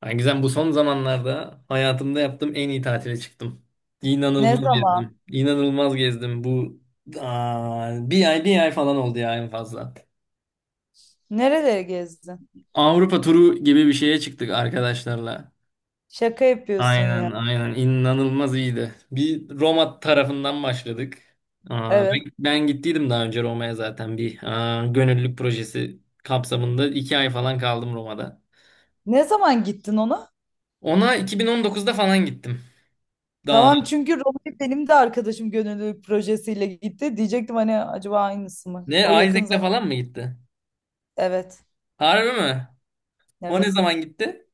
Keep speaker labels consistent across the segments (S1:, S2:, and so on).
S1: Ha, Gizem, bu son zamanlarda hayatımda yaptığım en iyi tatile çıktım.
S2: Ne
S1: İnanılmaz
S2: zaman?
S1: gezdim. İnanılmaz gezdim. Bir ay bir ay falan oldu ya en fazla.
S2: Nereleri gezdin?
S1: Avrupa turu gibi bir şeye çıktık arkadaşlarla.
S2: Şaka yapıyorsun
S1: Aynen
S2: ya.
S1: aynen inanılmaz iyiydi. Bir Roma tarafından başladık. Aa, ben,
S2: Evet.
S1: ben gittiydim daha önce Roma'ya zaten bir gönüllülük projesi kapsamında iki ay falan kaldım Roma'da.
S2: Ne zaman gittin ona?
S1: Ona 2019'da falan gittim. Daha
S2: Tamam, çünkü Roma'ya benim de arkadaşım gönüllülük projesiyle gitti. Diyecektim hani acaba aynısı mı?
S1: ne,
S2: O yakın
S1: Isaac'le
S2: zaman.
S1: falan mı gitti?
S2: Evet.
S1: Harbi mi? O ne
S2: Evet.
S1: zaman gitti?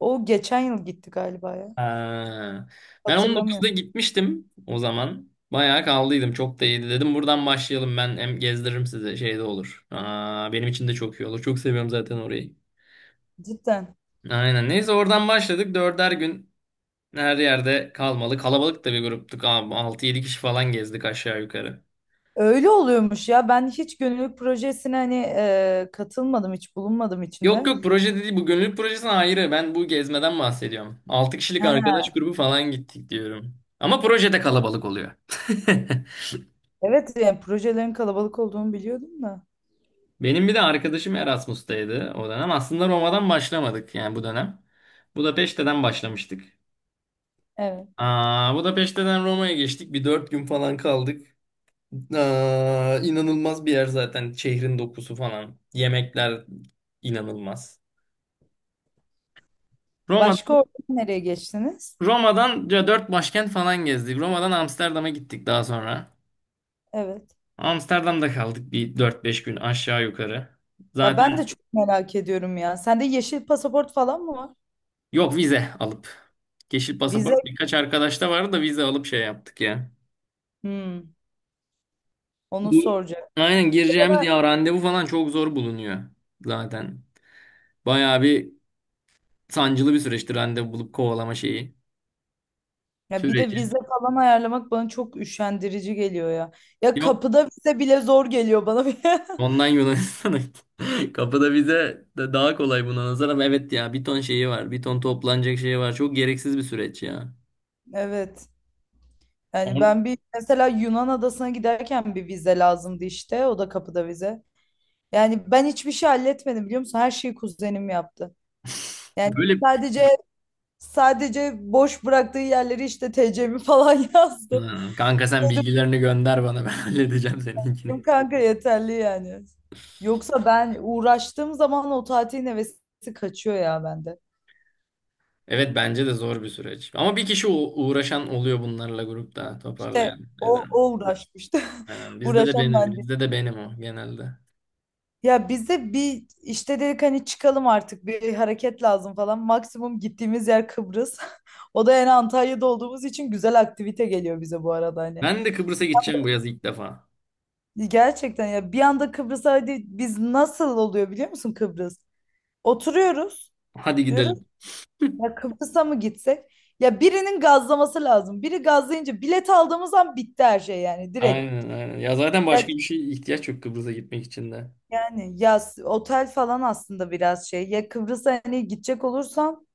S2: O geçen yıl gitti galiba ya.
S1: Ha. Ben
S2: Hatırlamıyorum.
S1: 19'da gitmiştim o zaman. Bayağı kaldıydım. Çok da iyiydi, dedim. Buradan başlayalım. Ben hem gezdiririm size. Şey de olur. Benim için de çok iyi olur. Çok seviyorum zaten orayı.
S2: Cidden.
S1: Aynen. Neyse, oradan başladık. Dörder gün her yerde kalmalı. Kalabalık da bir gruptuk. Abi. 6-7 kişi falan gezdik aşağı yukarı.
S2: Öyle oluyormuş ya. Ben hiç gönüllülük projesine hani katılmadım, hiç bulunmadım
S1: Yok
S2: içinde.
S1: yok, proje değil. Bu gönüllülük projesine ayrı. Ben bu gezmeden bahsediyorum. 6 kişilik
S2: He,
S1: arkadaş grubu falan gittik diyorum. Ama projede kalabalık oluyor.
S2: evet, yani projelerin kalabalık olduğunu biliyordum da.
S1: Benim bir de arkadaşım Erasmus'taydı o dönem. Aslında Roma'dan başlamadık yani bu dönem. Budapeşte'den başlamıştık.
S2: Evet.
S1: Budapeşte'den Roma'ya geçtik. Bir dört gün falan kaldık. İnanılmaz bir yer zaten. Şehrin dokusu falan. Yemekler inanılmaz. Roma,
S2: Başka orada nereye geçtiniz?
S1: Roma'dan ya dört başkent falan gezdik. Roma'dan Amsterdam'a gittik daha sonra.
S2: Evet.
S1: Amsterdam'da kaldık bir dört beş gün aşağı yukarı.
S2: Ya ben
S1: Zaten
S2: de çok merak ediyorum ya. Sende yeşil pasaport falan mı var?
S1: yok, vize alıp. Yeşil
S2: Vize.
S1: pasaport birkaç arkadaşta vardı da vize alıp şey yaptık ya.
S2: Hmm, onu
S1: Bu
S2: soracak. Bir
S1: aynen
S2: de
S1: gireceğimiz
S2: bana,
S1: ya, randevu falan çok zor bulunuyor zaten. Bayağı bir sancılı bir süreçti randevu bulup kovalama şeyi.
S2: ya bir de
S1: Süreci.
S2: vize falan ayarlamak bana çok üşendirici geliyor ya. Ya
S1: Yok,
S2: kapıda vize bile zor geliyor bana.
S1: ondan Yunanistan'a gittim. Kapıda vize de daha kolay buna nazaran. Evet ya, bir ton şeyi var. Bir ton toplanacak şeyi var. Çok gereksiz bir süreç ya.
S2: Evet. Yani
S1: On-
S2: ben bir mesela Yunan adasına giderken bir vize lazımdı işte. O da kapıda vize. Yani ben hiçbir şey halletmedim biliyor musun? Her şeyi kuzenim yaptı. Yani
S1: Böyle
S2: sadece sadece boş bıraktığı yerleri işte TC'mi falan
S1: Ha,
S2: yazdım.
S1: kanka, sen bilgilerini gönder bana, ben halledeceğim seninkini.
S2: Benim kanka yeterli yani. Yoksa ben uğraştığım zaman o tatilin hevesi kaçıyor ya bende.
S1: Evet, bence de zor bir süreç. Ama bir kişi uğraşan oluyor bunlarla, grupta
S2: İşte
S1: toparlayan.
S2: o,
S1: Neden?
S2: o uğraşmıştı.
S1: Aynen.
S2: Uğraşan ben değil.
S1: Bizde de benim o genelde.
S2: Ya bize bir işte dedik hani çıkalım artık bir hareket lazım falan. Maksimum gittiğimiz yer Kıbrıs. O da yani Antalya'da olduğumuz için güzel aktivite geliyor bize bu arada hani.
S1: Ben de Kıbrıs'a gideceğim bu yaz ilk defa.
S2: Gerçekten ya bir anda Kıbrıs'a hadi biz nasıl oluyor biliyor musun Kıbrıs? Oturuyoruz.
S1: Hadi
S2: Diyoruz,
S1: gidelim.
S2: ya Kıbrıs'a mı gitsek? Ya birinin gazlaması lazım. Biri gazlayınca bilet aldığımız an bitti her şey yani direkt.
S1: Aynen, aynen. Ya zaten
S2: Ya-
S1: başka bir şey ihtiyaç yok Kıbrıs'a gitmek için de.
S2: Yani ya otel falan aslında biraz şey. Ya Kıbrıs'a hani gidecek olursan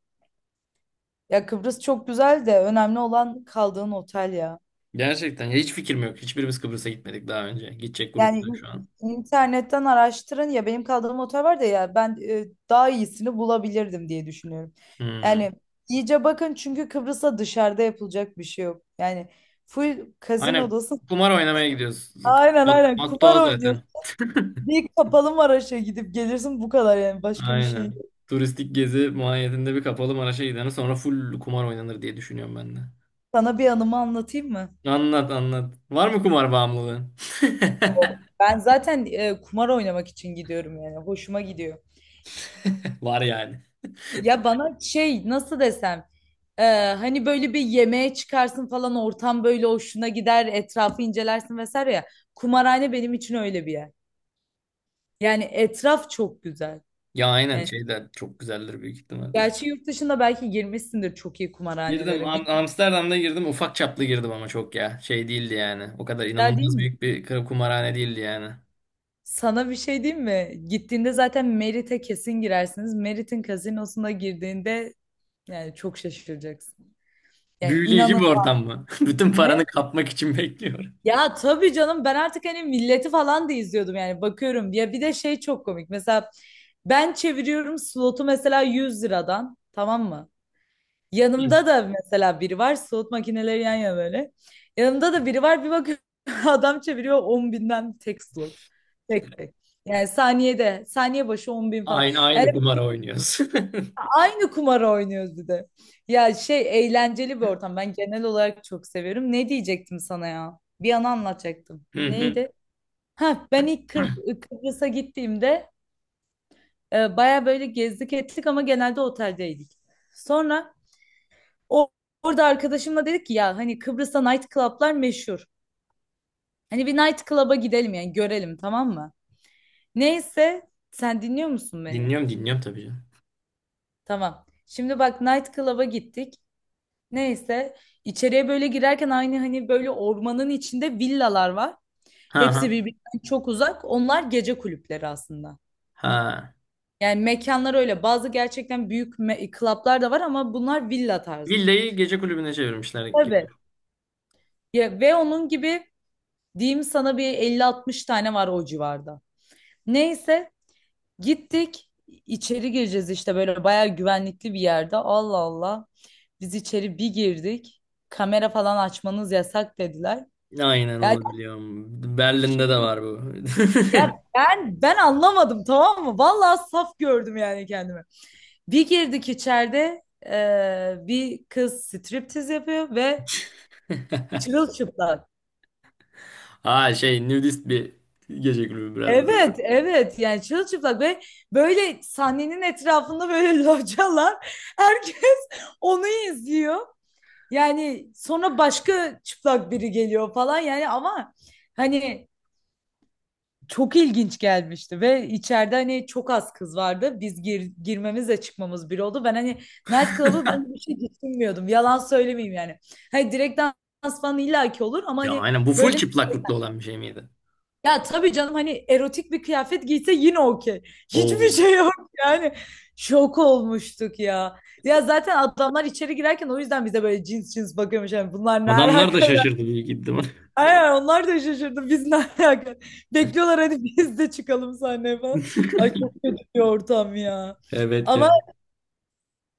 S2: ya Kıbrıs çok güzel de önemli olan kaldığın otel ya.
S1: Gerçekten ya, hiç fikrim yok. Hiçbirimiz Kıbrıs'a gitmedik daha önce. Gidecek
S2: Yani
S1: grupta şu an.
S2: internetten araştırın ya, benim kaldığım otel var da ya ben daha iyisini bulabilirdim diye düşünüyorum.
S1: Hmm.
S2: Yani iyice bakın çünkü Kıbrıs'a dışarıda yapılacak bir şey yok. Yani full kazino
S1: Aynen.
S2: odası.
S1: Kumar oynamaya gidiyoruz.
S2: Aynen aynen,
S1: Motto
S2: kumar
S1: o zaten.
S2: oynuyorsun. Bir kapalı Maraş'a gidip gelirsin bu kadar, yani başka bir şey yok.
S1: Aynen. Turistik gezi mahiyetinde bir kapalı Maraş'a gidene sonra full kumar oynanır diye düşünüyorum ben de.
S2: Sana bir anımı anlatayım mı?
S1: Anlat, anlat. Var mı kumar bağımlılığın?
S2: Yok. Ben zaten kumar oynamak için gidiyorum yani, hoşuma gidiyor.
S1: Var yani.
S2: Ya bana şey nasıl desem e, hani böyle bir yemeğe çıkarsın falan, ortam böyle hoşuna gider, etrafı incelersin vesaire ya. Kumarhane benim için öyle bir yer. Yani etraf çok güzel.
S1: Ya aynen,
S2: Yani
S1: şey de çok güzeldir büyük ihtimal.
S2: gerçi yurt dışında belki girmişsindir çok iyi
S1: Girdim,
S2: kumarhanelere. Bir
S1: Amsterdam'da girdim, ufak çaplı girdim ama çok ya. Şey değildi yani. O kadar
S2: güzel değil
S1: inanılmaz
S2: mi?
S1: büyük bir kumarhane değildi yani.
S2: Sana bir şey diyeyim mi? Gittiğinde zaten Merit'e kesin girersiniz. Merit'in kazinosuna girdiğinde yani çok şaşıracaksın. Yani
S1: Büyüleyici
S2: inanın
S1: bir ortam mı? Bütün paranı
S2: ne?
S1: kapmak için bekliyor.
S2: Ya tabii canım, ben artık hani milleti falan da izliyordum yani, bakıyorum. Ya bir de şey çok komik. Mesela ben çeviriyorum slotu mesela 100 liradan, tamam mı? Yanımda da mesela biri var, slot makineleri yan yana böyle. Yanımda da biri var, bir bakıyorum adam çeviriyor 10 binden tek slot. Tek tek. Yani saniyede, saniye başı 10 bin falan.
S1: Aynı
S2: Yani
S1: aynı kumar oynuyoruz.
S2: aynı kumarı oynuyoruz bir de. Ya şey, eğlenceli bir ortam. Ben genel olarak çok seviyorum. Ne diyecektim sana ya? Bir an anlatacaktım.
S1: Hı hı.
S2: Neydi? Ha, ben ilk Kıbrıs'a gittiğimde baya böyle gezdik ettik ama genelde oteldeydik. Sonra o, orada arkadaşımla dedik ki ya hani Kıbrıs'ta night club'lar meşhur. Hani bir night club'a gidelim yani görelim, tamam mı? Neyse, sen dinliyor musun beni?
S1: Dinliyorum, dinliyorum, tabii canım.
S2: Tamam. Şimdi bak, night club'a gittik. Neyse, içeriye böyle girerken aynı hani böyle ormanın içinde villalar var.
S1: Ha ha.
S2: Hepsi birbirinden çok uzak. Onlar gece kulüpleri aslında.
S1: Ha.
S2: Yani mekanlar öyle. Bazı gerçekten büyük club'lar da var ama bunlar villa tarzı.
S1: Villayı gece kulübüne çevirmişler.
S2: Tabii. Ya, ve onun gibi diyeyim sana bir elli 60 tane var o civarda. Neyse, gittik. İçeri gireceğiz işte böyle bayağı güvenlikli bir yerde. Allah Allah. Biz içeri bir girdik. Kamera falan açmanız yasak dediler.
S1: Aynen,
S2: Yani
S1: onu biliyorum. Berlin'de de
S2: şimdi,
S1: var bu.
S2: ya ben anlamadım tamam mı? Vallahi saf gördüm yani kendimi. Bir girdik içeride bir kız striptiz yapıyor ve çırılçıplak.
S1: Ha, şey, nudist bir gece kulübü biraz da.
S2: Evet evet, yani çırılçıplak ve böyle sahnenin etrafında böyle localar, herkes onu izliyor. Yani sonra başka çıplak biri geliyor falan yani, ama hani çok ilginç gelmişti ve içeride hani çok az kız vardı. Biz girmemizle çıkmamız bir oldu. Ben hani nightclub'a böyle bir şey düşünmüyordum. Yalan söylemeyeyim yani. Hani direkt dans falan illaki olur ama
S1: Ya
S2: hani
S1: aynen, bu full
S2: böyle,
S1: çıplaklıklı olan bir şey miydi?
S2: ya tabii canım hani erotik bir kıyafet giyse yine okey. Hiçbir
S1: Oo.
S2: şey yok yani. Şok olmuştuk ya. Ya zaten adamlar içeri girerken o yüzden bize böyle cins cins bakıyormuş. Yani bunlar ne
S1: Adamlar da
S2: alaka?
S1: şaşırdı büyük ihtimal.
S2: Aynen, onlar da şaşırdı. Biz ne alaka? Bekliyorlar hadi biz de çıkalım sahneye falan. Ay, çok kötü bir ortam ya.
S1: Evet
S2: Ama
S1: ya.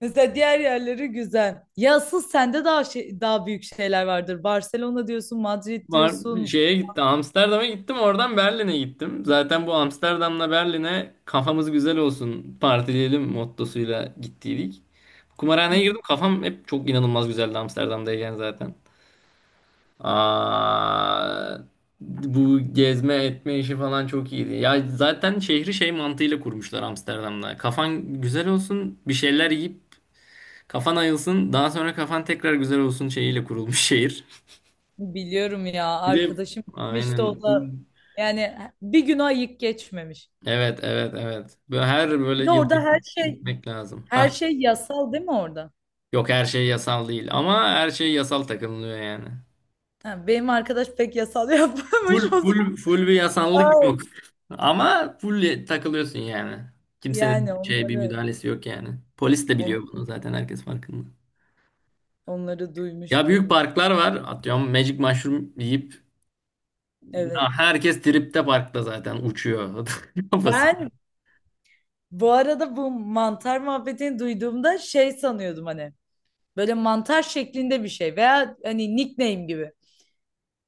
S2: mesela diğer yerleri güzel. Ya asıl sende daha şey, daha büyük şeyler vardır. Barcelona diyorsun, Madrid
S1: Var,
S2: diyorsun.
S1: şeye gitti, Amsterdam'a gittim, oradan Berlin'e gittim. Zaten bu Amsterdam'la Berlin'e kafamız güzel olsun, partileyelim mottosuyla gittiydik.
S2: Hı
S1: Kumarhaneye
S2: hı.
S1: girdim, kafam hep çok inanılmaz güzeldi Amsterdam'dayken zaten. Aa, Bu gezme etme işi falan çok iyiydi. Ya zaten şehri şey mantığıyla kurmuşlar Amsterdam'da. Kafan güzel olsun, bir şeyler yiyip kafan ayılsın, daha sonra kafan tekrar güzel olsun şeyiyle kurulmuş şehir.
S2: Biliyorum ya,
S1: Bir de
S2: arkadaşım gitmişti
S1: aynen.
S2: o da. Yani bir gün ayık geçmemiş.
S1: Evet, evet, evet. Böyle her böyle
S2: Bir de
S1: yıl
S2: orada her şey,
S1: gitmek lazım.
S2: her
S1: Ha.
S2: şey yasal değil mi orada?
S1: Yok, her şey yasal değil ama her şey yasal takılıyor yani.
S2: Ha, benim arkadaş pek yasal yapmamış
S1: Full
S2: o zaman.
S1: full full bir yasanlık
S2: Ay.
S1: yok. Ama full takılıyorsun yani.
S2: Yani
S1: Kimsenin şey bir
S2: onları
S1: müdahalesi yok yani. Polis de
S2: onu
S1: biliyor bunu, zaten herkes farkında.
S2: Onları
S1: Ya büyük
S2: duymuştum.
S1: parklar var. Atıyorum, Magic Mushroom yiyip ya
S2: Evet.
S1: herkes tripte, parkta zaten uçuyor kafası.
S2: Ben bu arada bu mantar muhabbetini duyduğumda şey sanıyordum hani. Böyle mantar şeklinde bir şey veya hani nickname gibi.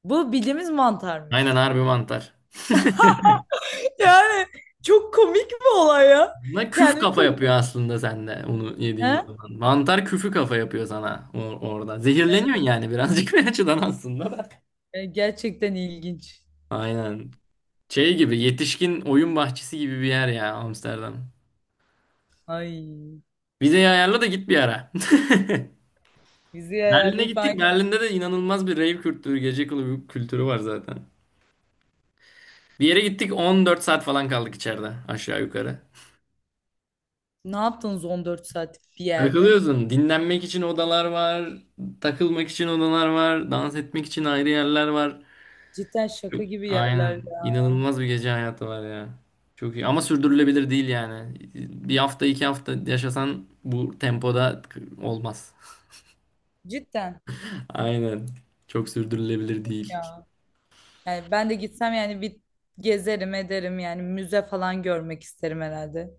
S2: Bu bildiğimiz
S1: Aynen,
S2: mantarmış.
S1: harbi mantar.
S2: Yani çok komik bir olay ya.
S1: Ne küf
S2: Kendimi
S1: kafa
S2: çok...
S1: yapıyor aslında sende onu yediğin
S2: Ha?
S1: zaman. Mantar küfü kafa yapıyor sana orada. Zehirleniyorsun
S2: Evet.
S1: yani birazcık bir açıdan aslında da.
S2: Gerçekten ilginç.
S1: Aynen. Şey gibi, yetişkin oyun bahçesi gibi bir yer ya Amsterdam.
S2: Ay.
S1: Vizeyi ayarla da git bir ara.
S2: Bizi
S1: Berlin'e
S2: ayarlayıp
S1: gittik.
S2: aynı.
S1: Berlin'de de inanılmaz bir rave kültürü, gece kulübü kültürü var zaten. Bir yere gittik, 14 saat falan kaldık içeride aşağı yukarı.
S2: Ne yaptınız 14 saatlik bir yerde?
S1: Takılıyorsun. Dinlenmek için odalar var. Takılmak için odalar var. Dans etmek için ayrı yerler var.
S2: Cidden şaka gibi yerler
S1: Aynen.
S2: ya.
S1: İnanılmaz bir gece hayatı var ya. Çok iyi. Ama sürdürülebilir değil yani. Bir hafta iki hafta yaşasan bu tempoda olmaz.
S2: Cidden
S1: Aynen. Çok sürdürülebilir değil.
S2: ya. Yani ben de gitsem yani bir gezerim ederim yani müze falan görmek isterim herhalde.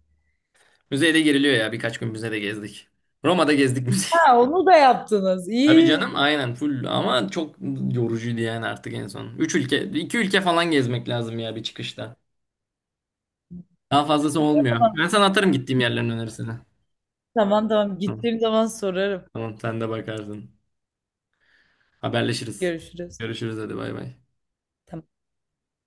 S1: Müzeyde giriliyor ya. Birkaç gün müzede gezdik. Roma'da gezdik müze.
S2: Ha, onu da yaptınız.
S1: Tabii canım,
S2: İyi.
S1: aynen full, ama çok yorucuydu yani artık en son. Üç ülke, iki ülke falan gezmek lazım ya bir çıkışta. Daha fazlası olmuyor.
S2: Tamam
S1: Ben sana atarım gittiğim yerlerin önerisini.
S2: tamam tamam.
S1: Tamam,
S2: Gittiğim zaman sorarım.
S1: tamam, sen de bakarsın. Haberleşiriz.
S2: Görüşürüz.
S1: Görüşürüz, hadi bay bay.
S2: Tamam.